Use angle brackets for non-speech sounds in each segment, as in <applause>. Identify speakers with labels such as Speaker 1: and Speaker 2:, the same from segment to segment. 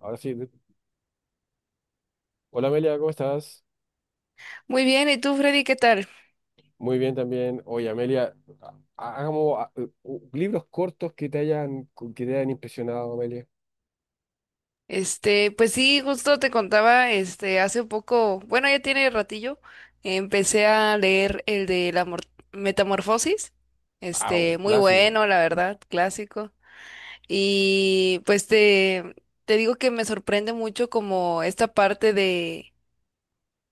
Speaker 1: Ahora sí. Hola Amelia, ¿cómo estás?
Speaker 2: Muy bien, ¿y tú, Freddy, qué tal?
Speaker 1: Muy bien también. Oye, Amelia, hagamos libros cortos que te hayan impresionado, Amelia.
Speaker 2: Pues sí, justo te contaba, hace un poco, bueno, ya tiene ratillo, empecé a leer el de la Metamorfosis,
Speaker 1: Ah, un
Speaker 2: muy
Speaker 1: clásico.
Speaker 2: bueno, la verdad, clásico. Y pues te digo que me sorprende mucho como esta parte de,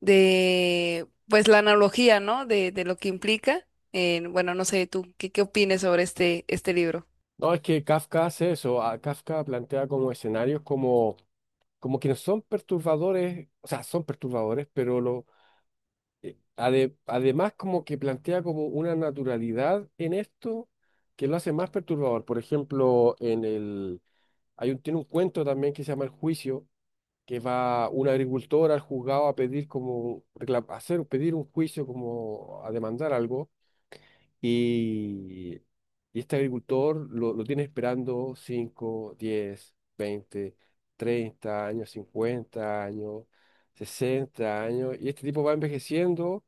Speaker 2: de, pues la analogía, ¿no? De lo que implica. Bueno, no sé, tú, ¿qué opinas sobre este libro?
Speaker 1: No, es que Kafka hace eso. Kafka plantea como escenarios como que no son perturbadores, o sea, son perturbadores, pero además como que plantea como una naturalidad en esto que lo hace más perturbador. Por ejemplo, en el, hay un, tiene un cuento también que se llama El Juicio, que va un agricultor al juzgado a pedir pedir un juicio, como a demandar algo, y, y este agricultor lo tiene esperando 5, 10, 20, 30 años, 50 años, 60 años, y este tipo va envejeciendo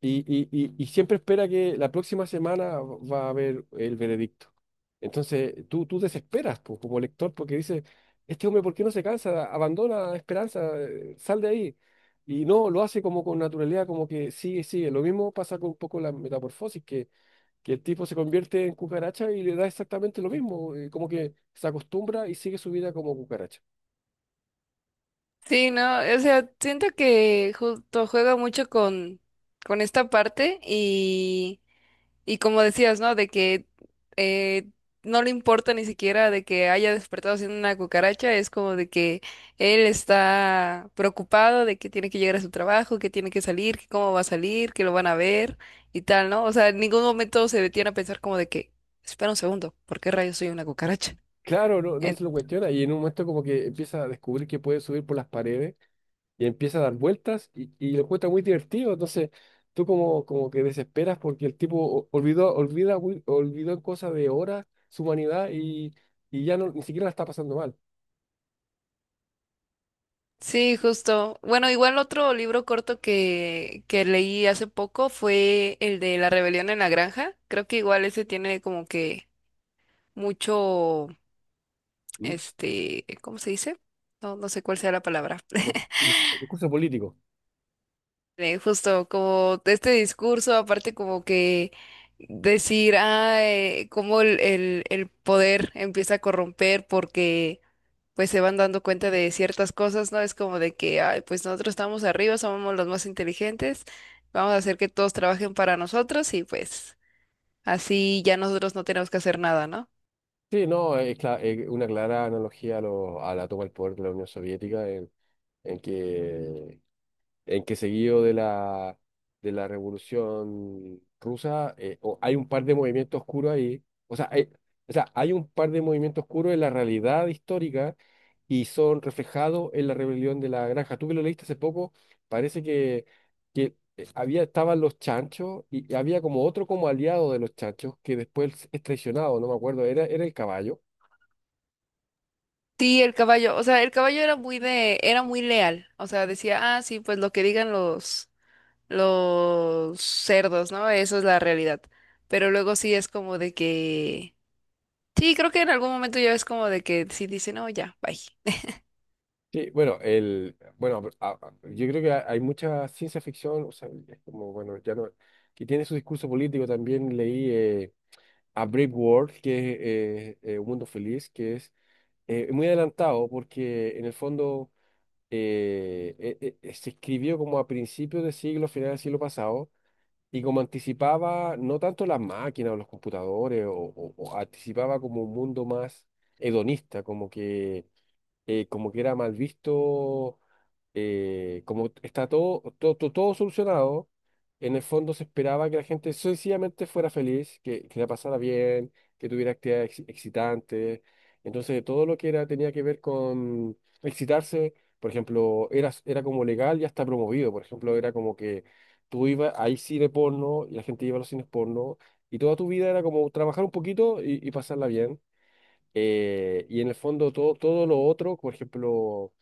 Speaker 1: y siempre espera que la próxima semana va a haber el veredicto. Entonces, tú desesperas como lector porque dices: este hombre, ¿por qué no se cansa? Abandona esperanza, sal de ahí. Y no, lo hace como con naturalidad, como que sigue, sigue. Lo mismo pasa con un poco la Metamorfosis, que el tipo se convierte en cucaracha y le da exactamente lo mismo, como que se acostumbra y sigue su vida como cucaracha.
Speaker 2: Sí, no, o sea, siento que justo juega mucho con esta parte y como decías, ¿no? De que eh, no le importa ni siquiera de que haya despertado siendo una cucaracha, es como de que él está preocupado de que tiene que llegar a su trabajo, que tiene que salir, que cómo va a salir, que lo van a ver y tal, ¿no? O sea, en ningún momento se detiene a pensar como de que, espera un segundo, ¿por qué rayos soy una cucaracha?
Speaker 1: Claro, no, no se lo cuestiona, y en un momento como que empieza a descubrir que puede subir por las paredes y empieza a dar vueltas, y lo encuentra muy divertido. Entonces, tú como que desesperas porque el tipo olvidó en cosa de horas su humanidad, y ya no, ni siquiera la está pasando mal.
Speaker 2: Sí, justo. Bueno, igual otro libro corto que leí hace poco fue el de La rebelión en la granja. Creo que igual ese tiene como que mucho,
Speaker 1: ¿Mm?
Speaker 2: ¿cómo se dice? No, no sé cuál sea la palabra.
Speaker 1: Como
Speaker 2: <laughs>
Speaker 1: discurso político.
Speaker 2: Justo como este discurso, aparte como que decir, cómo el poder empieza a corromper porque pues se van dando cuenta de ciertas cosas, ¿no? Es como de que, ay, pues nosotros estamos arriba, somos los más inteligentes, vamos a hacer que todos trabajen para nosotros y pues así ya nosotros no tenemos que hacer nada, ¿no?
Speaker 1: Sí, no, es una clara analogía a la toma del poder de la Unión Soviética, en que en que seguido de la Revolución Rusa, hay un par de movimientos oscuros ahí. O sea, o sea, hay un par de movimientos oscuros en la realidad histórica, y son reflejados en la Rebelión de la Granja. Tú que lo leíste hace poco, parece que estaban los chanchos, y había como otro, como aliado de los chanchos, que después es traicionado, no me acuerdo, era el caballo.
Speaker 2: Sí, el caballo, o sea, el caballo era muy leal, o sea, decía, ah, sí, pues lo que digan los cerdos, ¿no? Eso es la realidad. Pero luego sí es como de que, sí, creo que en algún momento ya es como de que sí dice, no, ya, bye.
Speaker 1: Sí, bueno, pero, yo creo que hay mucha ciencia ficción, o sea, es como, bueno, ya no, que tiene su discurso político. También leí A Brave World, que es Un Mundo Feliz, que es muy adelantado porque en el fondo se escribió como a principios de siglo, final del siglo pasado, y como anticipaba no tanto las máquinas o los computadores, o anticipaba como un mundo más hedonista, como que era mal visto, como está todo, todo, todo, todo solucionado. En el fondo se esperaba que la gente sencillamente fuera feliz, que la pasara bien, que tuviera actividades excitantes. Entonces, todo lo que era, tenía que ver con excitarse, por ejemplo, era como legal y hasta promovido. Por ejemplo, era como que hay cine porno y la gente iba a los cines porno. Y toda tu vida era como trabajar un poquito y pasarla bien. Y en el fondo todo lo otro, por ejemplo,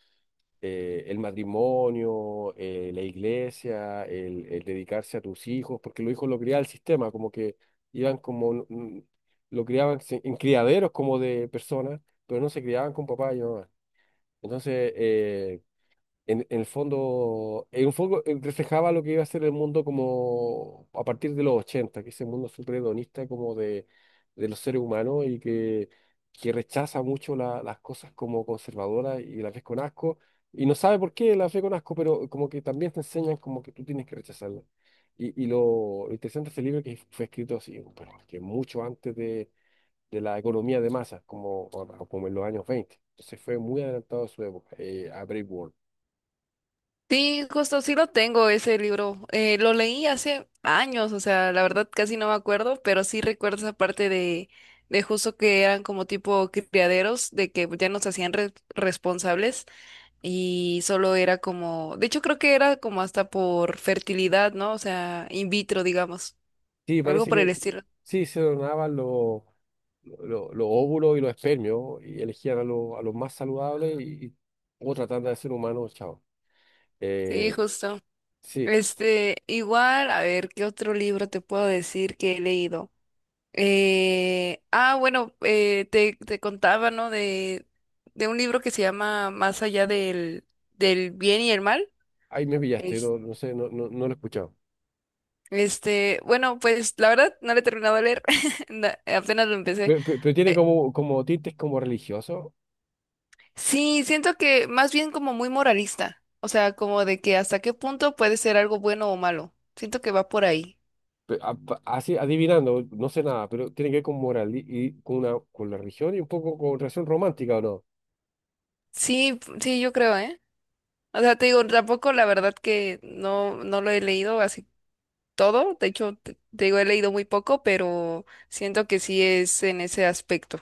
Speaker 1: el matrimonio, la iglesia, el dedicarse a tus hijos, porque los hijos lo criaba el sistema, como que iban lo criaban en criaderos como de personas, pero no se criaban con papá y mamá. Entonces, en el fondo, en un foco reflejaba lo que iba a ser el mundo como a partir de los ochenta, que ese mundo súper hedonista como de los seres humanos, y que rechaza mucho las cosas como conservadoras y las ves con asco, y no sabe por qué las ve con asco, pero como que también te enseñan como que tú tienes que rechazarlas. Y lo interesante de este libro es que fue escrito así, bueno, que mucho antes de la economía de masas, como en los años veinte. Entonces fue muy adelantado a su época, a World.
Speaker 2: Sí, justo sí lo tengo ese libro. Lo leí hace años, o sea, la verdad casi no me acuerdo, pero sí recuerdo esa parte de justo que eran como tipo criaderos, de que ya nos hacían responsables y solo era como, de hecho creo que era como hasta por fertilidad, ¿no? O sea, in vitro, digamos,
Speaker 1: Sí,
Speaker 2: algo
Speaker 1: parece
Speaker 2: por el
Speaker 1: que
Speaker 2: estilo.
Speaker 1: sí, se donaban los óvulos y los espermios, y elegían a los más saludables, y o tratando de ser humanos, chao.
Speaker 2: Sí,
Speaker 1: Eh,
Speaker 2: justo.
Speaker 1: sí,
Speaker 2: Igual, a ver, ¿qué otro libro te puedo decir que he leído? Bueno, te contaba, ¿no? De un libro que se llama Más allá del bien y el mal.
Speaker 1: ahí me pillaste,
Speaker 2: Es,
Speaker 1: no, no sé, no, no, no lo he escuchado.
Speaker 2: bueno, pues la verdad no lo he terminado de leer, <laughs> apenas lo empecé.
Speaker 1: Pero tiene
Speaker 2: Eh,
Speaker 1: como, tintes como religiosos.
Speaker 2: sí, siento que más bien como muy moralista, o sea, como de que hasta qué punto puede ser algo bueno o malo. Siento que va por ahí.
Speaker 1: Así adivinando, no sé nada, pero tiene que ver con moral, y con la religión, y un poco con relación romántica, ¿o no?
Speaker 2: Sí, sí, yo creo, ¿eh? O sea, te digo, tampoco la verdad que no, no lo he leído, así todo. De hecho, te digo, he leído muy poco, pero siento que sí es en ese aspecto.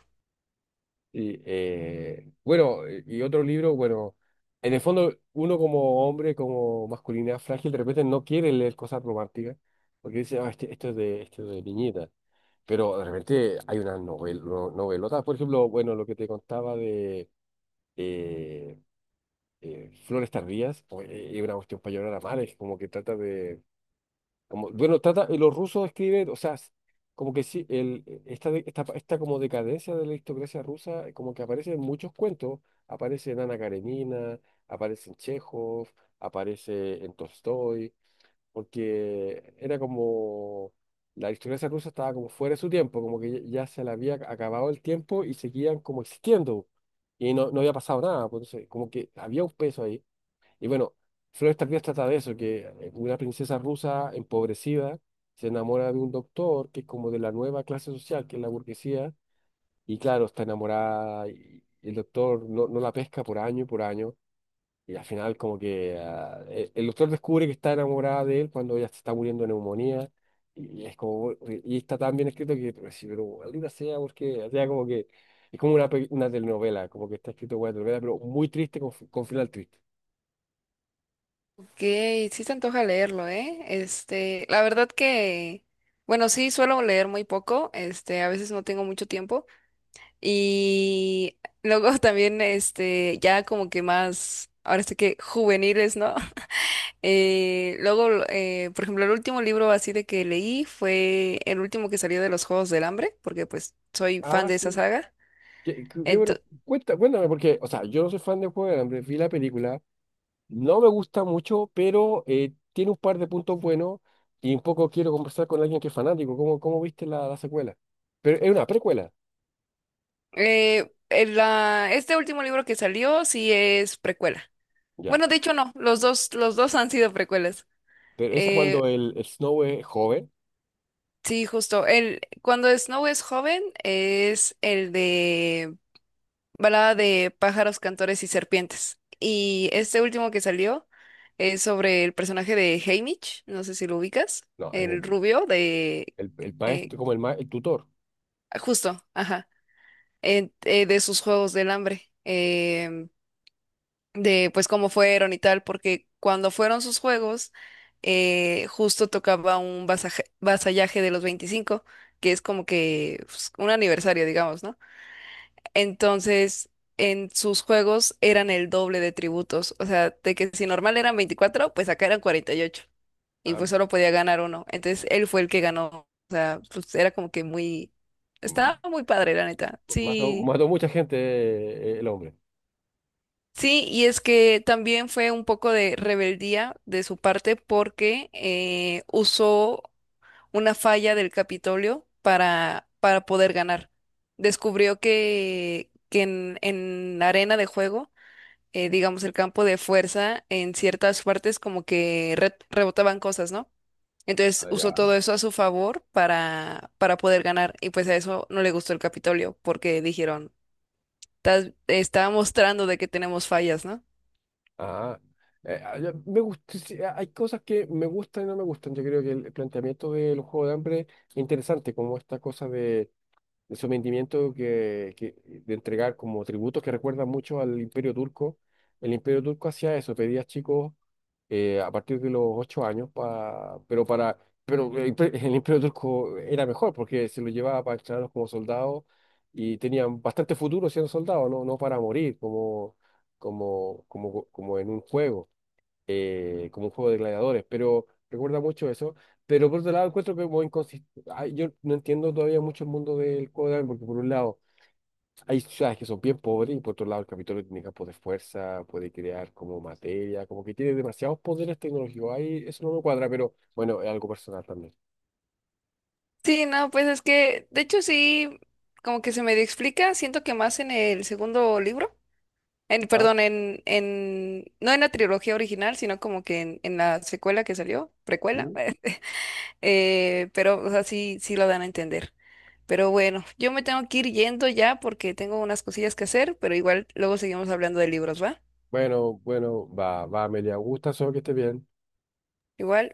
Speaker 1: Y, bueno, y otro libro, bueno, en el fondo uno como hombre, como masculinidad frágil, de repente no quiere leer cosas románticas, porque dice: esto es de niñita. Pero de repente hay unas novel, no- novelotas, por ejemplo, bueno, lo que te contaba de eh, Flores Tardías. Es una cuestión para llorar a mares, como que trata de bueno, trata, y los rusos escriben, o sea, como que sí, el, esta, de- esta como decadencia de la aristocracia rusa, como que aparece en muchos cuentos, aparece en Ana Karenina, aparece en Chekhov, aparece en Tolstoy, porque era como, la aristocracia rusa estaba como fuera de su tiempo, como que ya ya se le había acabado el tiempo y seguían como existiendo, y no, no había pasado nada, pues. Entonces, como que había un peso ahí. Y bueno, Flores Tardías trata de eso: que una princesa rusa empobrecida se enamora de un doctor que es como de la nueva clase social, que es la burguesía, y claro, está enamorada, y el doctor no, no la pesca por año, y al final como que el doctor descubre que está enamorada de él cuando ella se está muriendo de neumonía, y es como, y está tan bien escrito que, pero, sí, pero maldita sea, porque, o sea, como que es como una telenovela, como que está escrito como una telenovela, pero muy triste, con final triste.
Speaker 2: Ok, sí se antoja leerlo, ¿eh? La verdad que, bueno, sí suelo leer muy poco, a veces no tengo mucho tiempo. Y luego <laughs> también, ya como que más, ahora sí que juveniles, ¿no? <laughs> Luego, por ejemplo, el último libro así de que leí fue el último que salió de los Juegos del Hambre, porque pues soy fan
Speaker 1: Ah,
Speaker 2: de esa
Speaker 1: sí.
Speaker 2: saga.
Speaker 1: Qué
Speaker 2: Ento-
Speaker 1: bueno, cuéntame, porque, o sea, yo no soy fan del Juego del Hambre, vi la película, no me gusta mucho, pero tiene un par de puntos buenos, y un poco quiero conversar con alguien que es fanático. Cómo viste la secuela? Pero es una precuela,
Speaker 2: este último libro que salió sí es precuela.
Speaker 1: ya,
Speaker 2: Bueno, de hecho no, los dos han sido precuelas.
Speaker 1: pero esa
Speaker 2: Eh,
Speaker 1: cuando el Snow es joven.
Speaker 2: sí, justo. Cuando Snow es joven es el de Balada de pájaros, cantores y serpientes. Y este último que salió es sobre el personaje de Haymitch, no sé si lo ubicas,
Speaker 1: No, ahí
Speaker 2: el rubio de...
Speaker 1: el
Speaker 2: eh,
Speaker 1: maestro, como el tutor.
Speaker 2: justo, ajá, de sus Juegos del Hambre. De pues cómo fueron y tal, porque cuando fueron sus juegos, justo tocaba un vasallaje de los 25 que es como que pues, un aniversario, digamos, ¿no? Entonces, en sus juegos eran el doble de tributos, o sea, de que si normal eran 24 pues acá eran 48, y ocho, y
Speaker 1: ah,
Speaker 2: pues solo podía ganar uno. Entonces, él fue el que ganó, o sea, pues era como que muy.
Speaker 1: m-
Speaker 2: Estaba muy padre, la neta.
Speaker 1: mató,
Speaker 2: Sí,
Speaker 1: mató mucha gente, el hombre.
Speaker 2: sí, y es que también fue un poco de rebeldía de su parte porque usó una falla del Capitolio para poder ganar. Descubrió que en la arena de juego, digamos el campo de fuerza, en ciertas partes como que rebotaban cosas, ¿no? Entonces usó todo eso a su favor para poder ganar y pues a eso no le gustó el Capitolio porque dijeron, Está mostrando de que tenemos fallas, ¿no?
Speaker 1: Ah, ya, sí, hay cosas que me gustan y no me gustan. Yo creo que el planteamiento del Juego de hambre es interesante, como esta cosa de sometimiento, de entregar como tributos, que recuerdan mucho al Imperio Turco. El Imperio Turco hacía eso, pedía a chicos a partir de los 8 años, pa- pero para pero el, imper- el Imperio Turco era mejor porque se lo llevaba para entrenarlos como soldados, y tenían bastante futuro siendo soldados, no, no para morir como, como en un juego, como un juego de gladiadores, pero recuerda mucho eso. Pero por otro lado, encuentro que como inconsistente. Yo no entiendo todavía mucho el mundo del Juego de Dragon, porque por un lado hay ciudades que son bien pobres, y por otro lado el Capitolio tiene campos de fuerza, puede crear como materia, como que tiene demasiados poderes tecnológicos. Ahí eso no me cuadra, pero bueno, es algo personal también.
Speaker 2: Sí, no, pues es que, de hecho sí, como que se me explica, siento que más en el segundo libro, en,
Speaker 1: ¿Ya?
Speaker 2: perdón, no en la trilogía original, sino como que en la secuela que salió, precuela,
Speaker 1: ¿Mm?
Speaker 2: <laughs> pero, o sea, sí, sí lo dan a entender. Pero bueno, yo me tengo que ir yendo ya porque tengo unas cosillas que hacer, pero igual luego seguimos hablando de libros, ¿va?
Speaker 1: Bueno, bueno, va, va, Amelia, gusta, solo que esté bien.
Speaker 2: Igual.